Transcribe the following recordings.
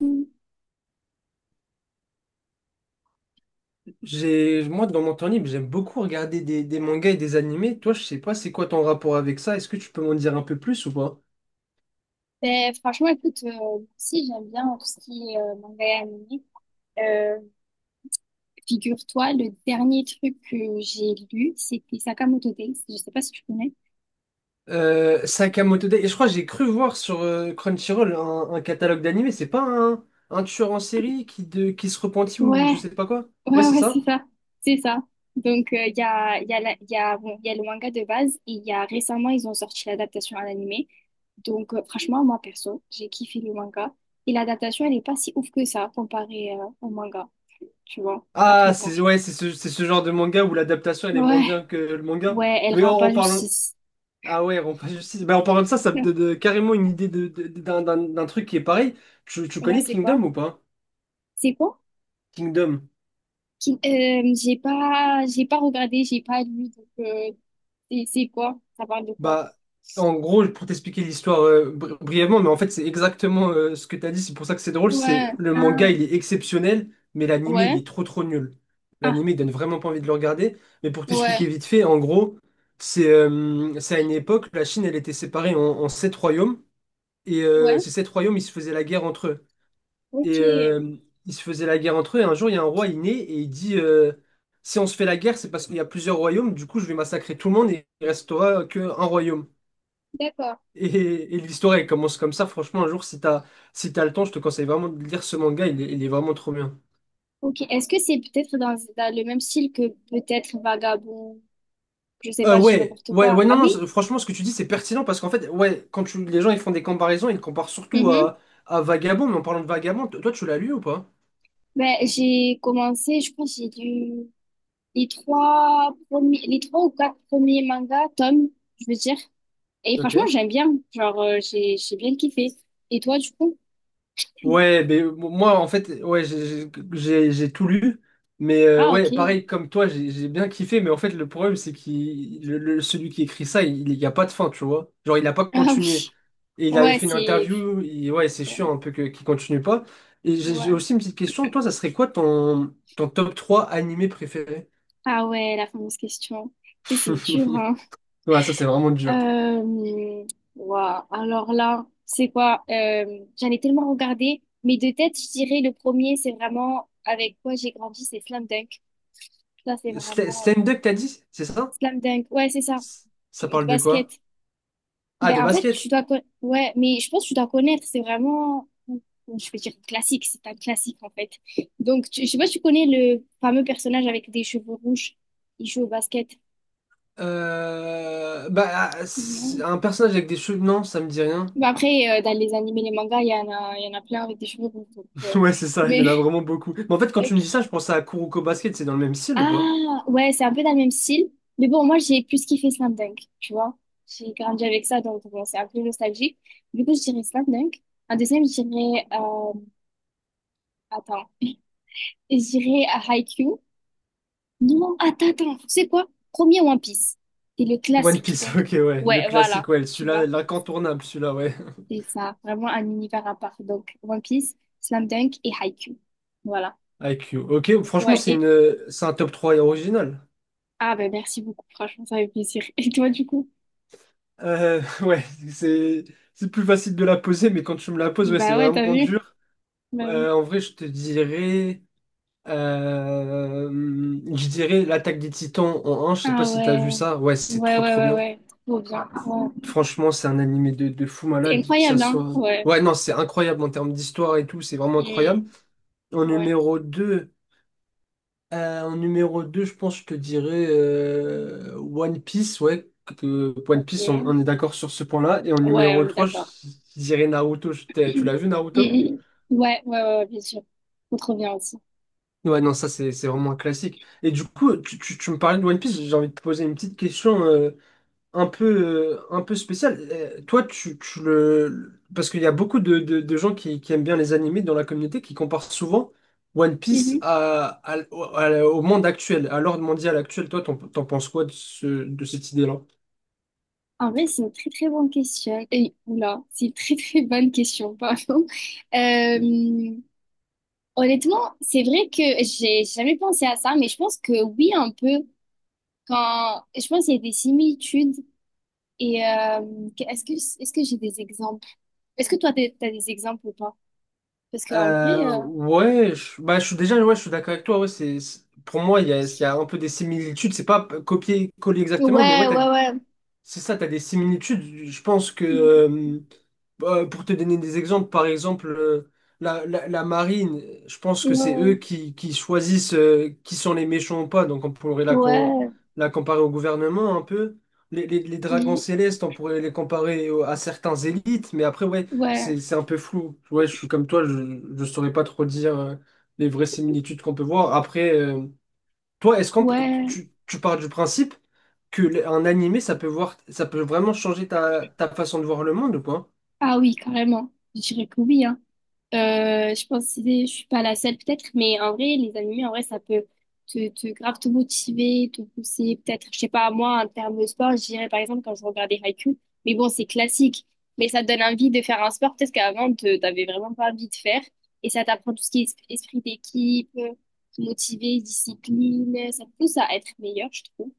Mm. J'ai, moi, dans mon temps libre, j'aime beaucoup regarder des mangas et des animés. Toi, je sais pas, c'est quoi ton rapport avec ça? Est-ce que tu peux m'en dire un peu plus ou pas? Ben, franchement, écoute, moi aussi j'aime bien tout ce qui est manga et animé. Euh, Figure-toi, le dernier truc que j'ai lu, c'était Sakamoto Days. Je sais pas si tu connais. Sakamoto Days. Et je crois que j'ai cru voir sur Crunchyroll un catalogue d'animés. C'est pas un tueur en série qui se repentit ou Ouais, je sais pas quoi? Ouais, ouais, c'est ouais, ça? c'est ça. C'est ça. Donc, il y a, la- il y a, bon, il y a le manga de base et il y a récemment, ils ont sorti l'adaptation à l'animé. Donc, franchement, moi, perso, j'ai kiffé le manga. Et l'adaptation, elle est pas si ouf que ça comparée au manga, tu vois. Ah, Après, bon. c'est ouais, c'est ce genre de manga où l'adaptation elle est moins bien Ouais, que le manga. ouais, elle Mais rend pas en parlant. justice. Ah ouais, en, justice. Ben, en parlant de ça, ça me donne carrément une idée d'un truc qui est pareil. Tu Ouais, connais c'est quoi? Kingdom ou pas? C'est quoi? Kingdom. J'ai pas regardé, j'ai pas lu, donc c'est quoi? Ça parle de quoi? Bah, en gros, pour t'expliquer l'histoire brièvement, mais en fait, c'est exactement ce que t'as dit. C'est pour ça que c'est drôle. C'est Ouais. le manga, Ah. il est exceptionnel, mais l'anime il Ouais. est trop trop nul. Ah. L'anime il donne vraiment pas envie de le regarder. Mais pour Ouais. t'expliquer vite fait, en gros, c'est à une époque, la Chine, elle était séparée en sept royaumes, et Ouais. ces sept royaumes, ils se faisaient la guerre entre eux. Et Ok. Ils se faisaient la guerre entre eux. Et un jour, il y a un roi, il naît et il dit: si on se fait la guerre, c'est parce qu'il y a plusieurs royaumes, du coup je vais massacrer tout le monde et il restera qu'un royaume. D'accord. Et, et l'histoire, elle commence comme ça. Franchement, un jour, si t'as le temps, je te conseille vraiment de lire ce manga. Il est vraiment trop bien. Ok. Est-ce que c'est peut-être dans le même style que peut-être Vagabond? Je sais pas, je dis Ouais, n'importe ouais, quoi. ouais, Ah non, non, oui? C'est franchement, ce que tu dis, c'est pertinent parce qu'en fait, ouais, les gens ils font des comparaisons, ils comparent surtout Mhm. À Vagabond. Mais en parlant de Vagabond, toi, tu l'as lu ou pas? Ben, j'ai commencé, je pense, j'ai lu les trois premiers, les trois ou quatre premiers mangas, tomes, je veux dire. Et Ok. franchement, j'aime bien. Genre, j'ai bien kiffé. Et toi, du coup? Ouais, mais moi, en fait, ouais, j'ai tout lu. Mais Ah, ok. ouais, pareil, comme toi, j'ai bien kiffé. Mais en fait, le problème, c'est que celui qui écrit ça, il n'y a pas de fin, tu vois. Genre, il n'a pas Ah oui. continué. Et il avait Ouais, fait une c'est... interview, ouais, c'est chiant un peu qu'il continue pas. Et j'ai Ouais. aussi une petite question, toi, ça serait quoi ton top 3 animé préféré? Ah ouais, la fameuse question. C'est dur, hein. Ouais, ça c'est vraiment dur. Euh... Waouh. Alors là, c'est quoi? J'en ai tellement regardé. Mais de tête, je dirais le premier, c'est vraiment avec quoi j'ai grandi, c'est Slam Dunk. Ça, c'est vraiment... Slam Dunk, t'as dit? C'est ça? Slam Dunk. Ouais, c'est ça. S- ça De parle de quoi? basket. Ah, Ben, de en fait, basket. Ouais, mais je pense que tu dois connaître, c'est vraiment, je vais dire classique, c'est un classique en fait. Donc, je sais pas si tu connais le fameux personnage avec des cheveux rouges, il joue au basket. Ah, c'est Non. un personnage avec des cheveux, non, ça me dit rien. Ben, après, dans les animés, les mangas, il y en a plein avec des cheveux rouges. Donc, Ouais, c'est ça, il y en Mais, a vraiment beaucoup. Mais en fait, quand tu ok. me dis ça, je pense à Kuroko Basket, c'est dans le même style ou pas? Ah, ouais, c'est un peu dans le même style. Mais bon, moi, j'ai plus kiffé Slam Dunk, tu vois. J'ai grandi avec ça, donc bon, c'est un peu nostalgique. Du coup, je dirais Slam Dunk. Un deuxième, je dirais, attends. J'irai à Haikyuu. Non, attends, tu sais quoi? Premier One Piece. C'est le One classique, Piece, donc. ok, ouais, le Ouais, voilà, classique, ouais, tu celui-là, vois. l'incontournable, celui-là, ouais. C'est ça, vraiment un univers à part. Donc, One Piece, Slam Dunk et Haikyuu. Voilà. IQ. Ok, franchement, Ouais, et... c'est un top 3 original. Ah ben merci beaucoup, franchement, ça fait plaisir. Et toi, du coup? Ouais, c'est c'est plus facile de la poser, mais quand tu me la poses, ouais, c'est Bah ouais, t'as vraiment vu? dur. Bah oui. En vrai, je te dirais, euh, je dirais l'attaque des Titans en un. Je sais pas Ah si t'as ouais. vu ça. Ouais, c'est Ouais, trop ouais, trop ouais, bien. ouais. Trop bien. Ouais. Franchement, c'est un animé de fou C'est malade, que ça incroyable, hein? soit. Ouais. Ouais, non, c'est incroyable en termes d'histoire et tout. C'est vraiment incroyable. Mm. En Ouais. numéro 2. En numéro 2, je pense que je te dirais One Piece, ouais. One Ok. Piece, Ouais, on est d'accord sur ce point-là. Et en on numéro est 3, je d'accord. dirais Naruto. Tu Mhm. l'as vu, Naruto? Ouais, ouais, ouais, ouais, bien sûr. On trop bien aussi. Ouais, non, ça, c'est vraiment un classique. Et du coup, tu me parlais de One Piece, j'ai envie de te poser une petite question. Un peu, un peu spécial. Toi, tu le... Parce qu'il y a beaucoup de gens qui aiment bien les animés dans la communauté qui comparent souvent One Piece Mhm. Au monde actuel, à l'ordre mondial actuel. Toi, t'en penses quoi de cette idée-là? En vrai, c'est une très très bonne question. Et, oula, c'est une très très bonne question, pardon. Euh, honnêtement, c'est vrai que j'ai jamais pensé à ça, mais je pense que oui, un peu. Quand... Je pense qu'il y a des similitudes. Et est-ce que j'ai des exemples? Est-ce que toi, t'as des exemples ou pas? Parce qu'en vrai, Je suis déjà ouais, je suis d'accord avec toi. Ouais, pour moi, il y a un peu des similitudes. C'est pas copier-coller exactement, mais ouais, ouais, t'as, ouais, ouais. c'est ça, tu as des similitudes. Je pense que, bah, pour te donner des exemples, par exemple, la marine, je pense que c'est eux Mhm. Qui choisissent qui sont les méchants ou pas. Donc on pourrait Ouais, ouais. la comparer au gouvernement un peu. Les dragons Mhm. célestes, on pourrait les comparer à certains élites. Mais après, ouais, Ouais, c'est un peu flou. Ouais, je suis comme toi, je ne saurais pas trop dire les vraies similitudes qu'on peut voir. Après, toi, est-ce qu'on peut- ouais. tu pars du principe que un animé, ça peut vraiment changer ta, ta façon de voir le monde ou pas? Ah oui, carrément. Je dirais que oui, hein. Je pense que c'est- je suis pas la seule peut-être, mais en vrai, les animés, en vrai, ça peut te grave te motiver, te pousser. Peut-être, je sais pas, moi, en termes de sport, je dirais par exemple quand je regardais Haikyuu, mais bon, c'est classique. Mais ça te donne envie de faire un sport peut-être qu'avant, t'avais vraiment pas envie de faire. Et ça t'apprend tout ce qui est esprit d'équipe, te motiver, discipline. Ça te pousse à être meilleur, je trouve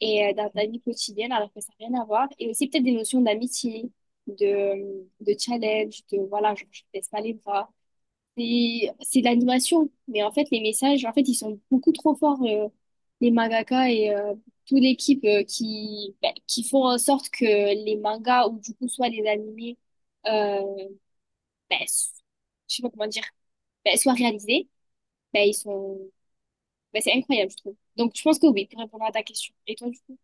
et dans ta vie quotidienne alors que ça n'a rien à voir. Et aussi peut-être des notions d'amitié, de challenge, de voilà, genre, je ne baisse pas les bras. C'est de l'animation, mais en fait les messages, en fait ils sont beaucoup trop forts, les mangaka et toute l'équipe qui, ben, qui font en sorte que les mangas ou du coup soit les animés, euh, ben, je sais pas comment dire, ben, soient réalisés, ben, ils sont, ben, c'est incroyable je trouve. Donc je pense que oui, pour répondre à ta question. Et toi du coup?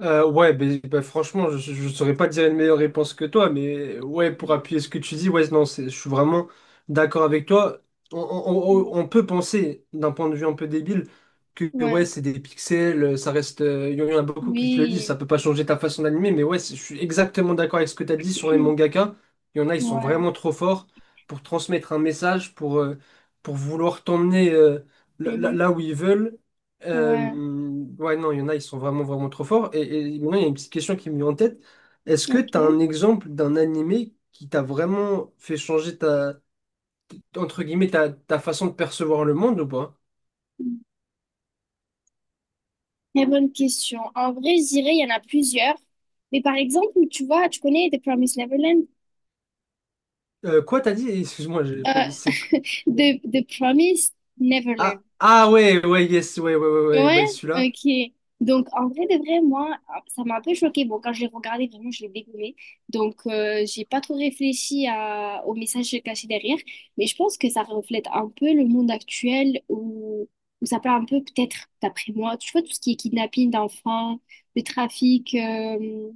Franchement, je ne saurais pas dire une meilleure réponse que toi, mais ouais, pour appuyer ce que tu dis, ouais, non, je suis vraiment d'accord avec toi. Mm. On peut penser, d'un point de vue un peu débile, que, ouais, Ouais, c'est des pixels, ça reste. Il y en a beaucoup qui te le disent, ça oui, peut pas changer ta façon d'animer, mais ouais, je suis exactement d'accord avec ce que tu as dit sur les mangaka. Il y en a, ils sont vraiment ouais, trop forts pour transmettre un message, pour vouloir t'emmener mhm, là où ils veulent. Euh, ouais, ouais, non, il y en a, ils sont vraiment, vraiment trop forts. Et maintenant, il y a une petite question qui me vient en tête. Est-ce que ok. tu as un exemple d'un animé qui t'a vraiment fait changer entre guillemets, ta façon de percevoir le monde ou pas? Très bonne question. En vrai, je dirais, il y en a plusieurs. Mais par exemple, tu vois, tu connais The Promised Neverland? Quoi t'as dit? Excuse-moi, j'ai- Euh, c'est The Promised ah, Neverland. ah ouais, ouais, yes, ouais, ouais, ouais, ouais, Ouais, ouais, celui-là. ok. Donc, en vrai de vrai, moi, ça m'a un peu choquée. Bon, quand je l'ai regardé, vraiment, je l'ai dégommé. Donc, j'ai pas trop réfléchi à, au message caché derrière. Mais je pense que ça reflète un peu le monde actuel où ça parle un peu, peut-être, d'après moi, tu vois, tout ce qui est kidnapping d'enfants, le trafic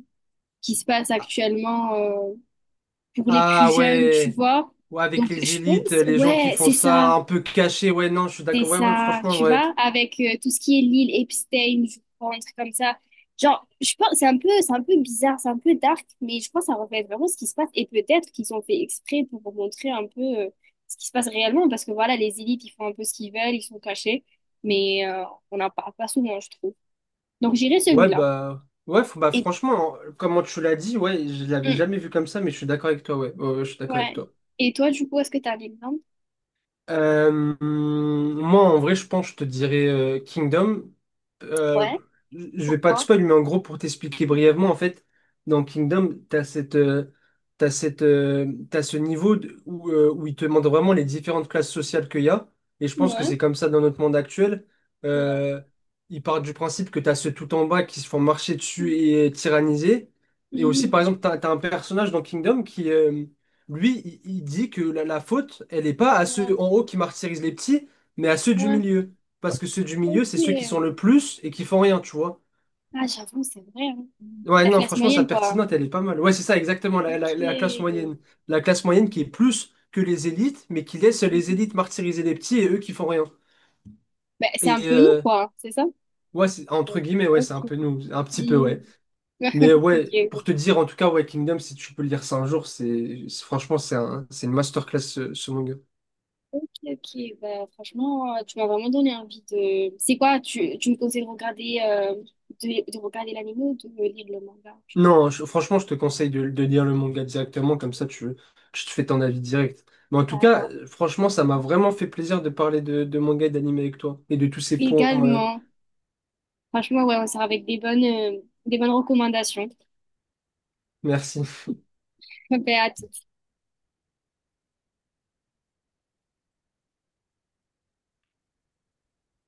qui se passe Ah, actuellement pour les plus ah, jeunes, tu ouais, vois. ouais, avec Donc, les je élites, pense, les gens qui ouais, font c'est ça ça. un peu caché, ouais, non, je suis C'est d'accord, ouais, ouais, ça, franchement, tu ouais. vois, avec tout ce qui est l'île Epstein, je crois, un truc comme ça. Genre, je pense, c'est un peu, bizarre, c'est un peu dark, mais je pense que ça reflète vraiment ce qui se passe. Et peut-être qu'ils ont fait exprès pour vous montrer un peu ce qui se passe réellement, parce que voilà, les élites, ils font un peu ce qu'ils veulent, ils sont cachés, mais on n'en parle pas souvent, je trouve. Donc j'irai Ouais, celui-là. bah, ouais, Et, franchement, hein, comment tu l'as dit, ouais, je l'avais hum, jamais vu comme ça, mais je suis d'accord avec toi, ouais, Ouais, ouais, je suis d'accord avec ouais. toi. Et toi, du coup, est-ce que t'as un exemple? Euh, Moi, en vrai, je pense, je te dirais Kingdom. Euh, Ouais, je vais pas te pourquoi? spoil, mais en gros, pour t'expliquer brièvement, en fait, dans Kingdom, t'as ce où il te montre vraiment les différentes classes sociales qu'il y a. Et je pense que Ouais, c'est comme ça dans notre monde actuel. ouais, Euh, il part du principe que t'as ceux tout en bas qui se font marcher dessus et tyranniser. Et aussi, par hum, exemple, t'as un personnage dans Kingdom qui, il dit que la faute, elle n'est pas à ouais, ceux en haut qui martyrisent les petits, mais à ceux du ouais. milieu. Parce que ceux du milieu, c'est ceux qui sont Ok. le plus et qui font rien, tu vois. Ah, j'avoue, c'est vrai, hein. Ouais, La non, classe franchement, sa moyenne, quoi. pertinente, elle est pas mal. Ouais, c'est ça, exactement, Ok. La classe moyenne. La classe moyenne qui est plus que les élites, mais qui laisse les Mhm. élites martyriser les petits et eux qui font rien. Bah, c'est un Et peu nous, euh, quoi, hein, c'est ça? ouais, c'est Oui. entre guillemets, ouais, c'est un peu Ok. nous, un petit peu, ouais. Mhm. Mais ouais, pour te dire, en tout cas, ouais, Kingdom, si tu peux lire ça un jour, franchement, c'est une masterclass, ce manga. Ok, ok, ok. Bah, franchement, tu m'as vraiment donné envie de. C'est quoi? Tu me conseilles de regarder, de regarder l'anime ou de lire le manga? Non, je- Franchement, je te conseille de lire le manga directement, comme ça tu, tu te fais ton avis direct. Mais en tout cas, D'accord. Franchement, ça m'a vraiment fait plaisir de parler de manga et d'anime avec toi et de tous ces points. Également. Franchement, ouais, on sera avec des bonnes recommandations. Merci. Bah, à tout.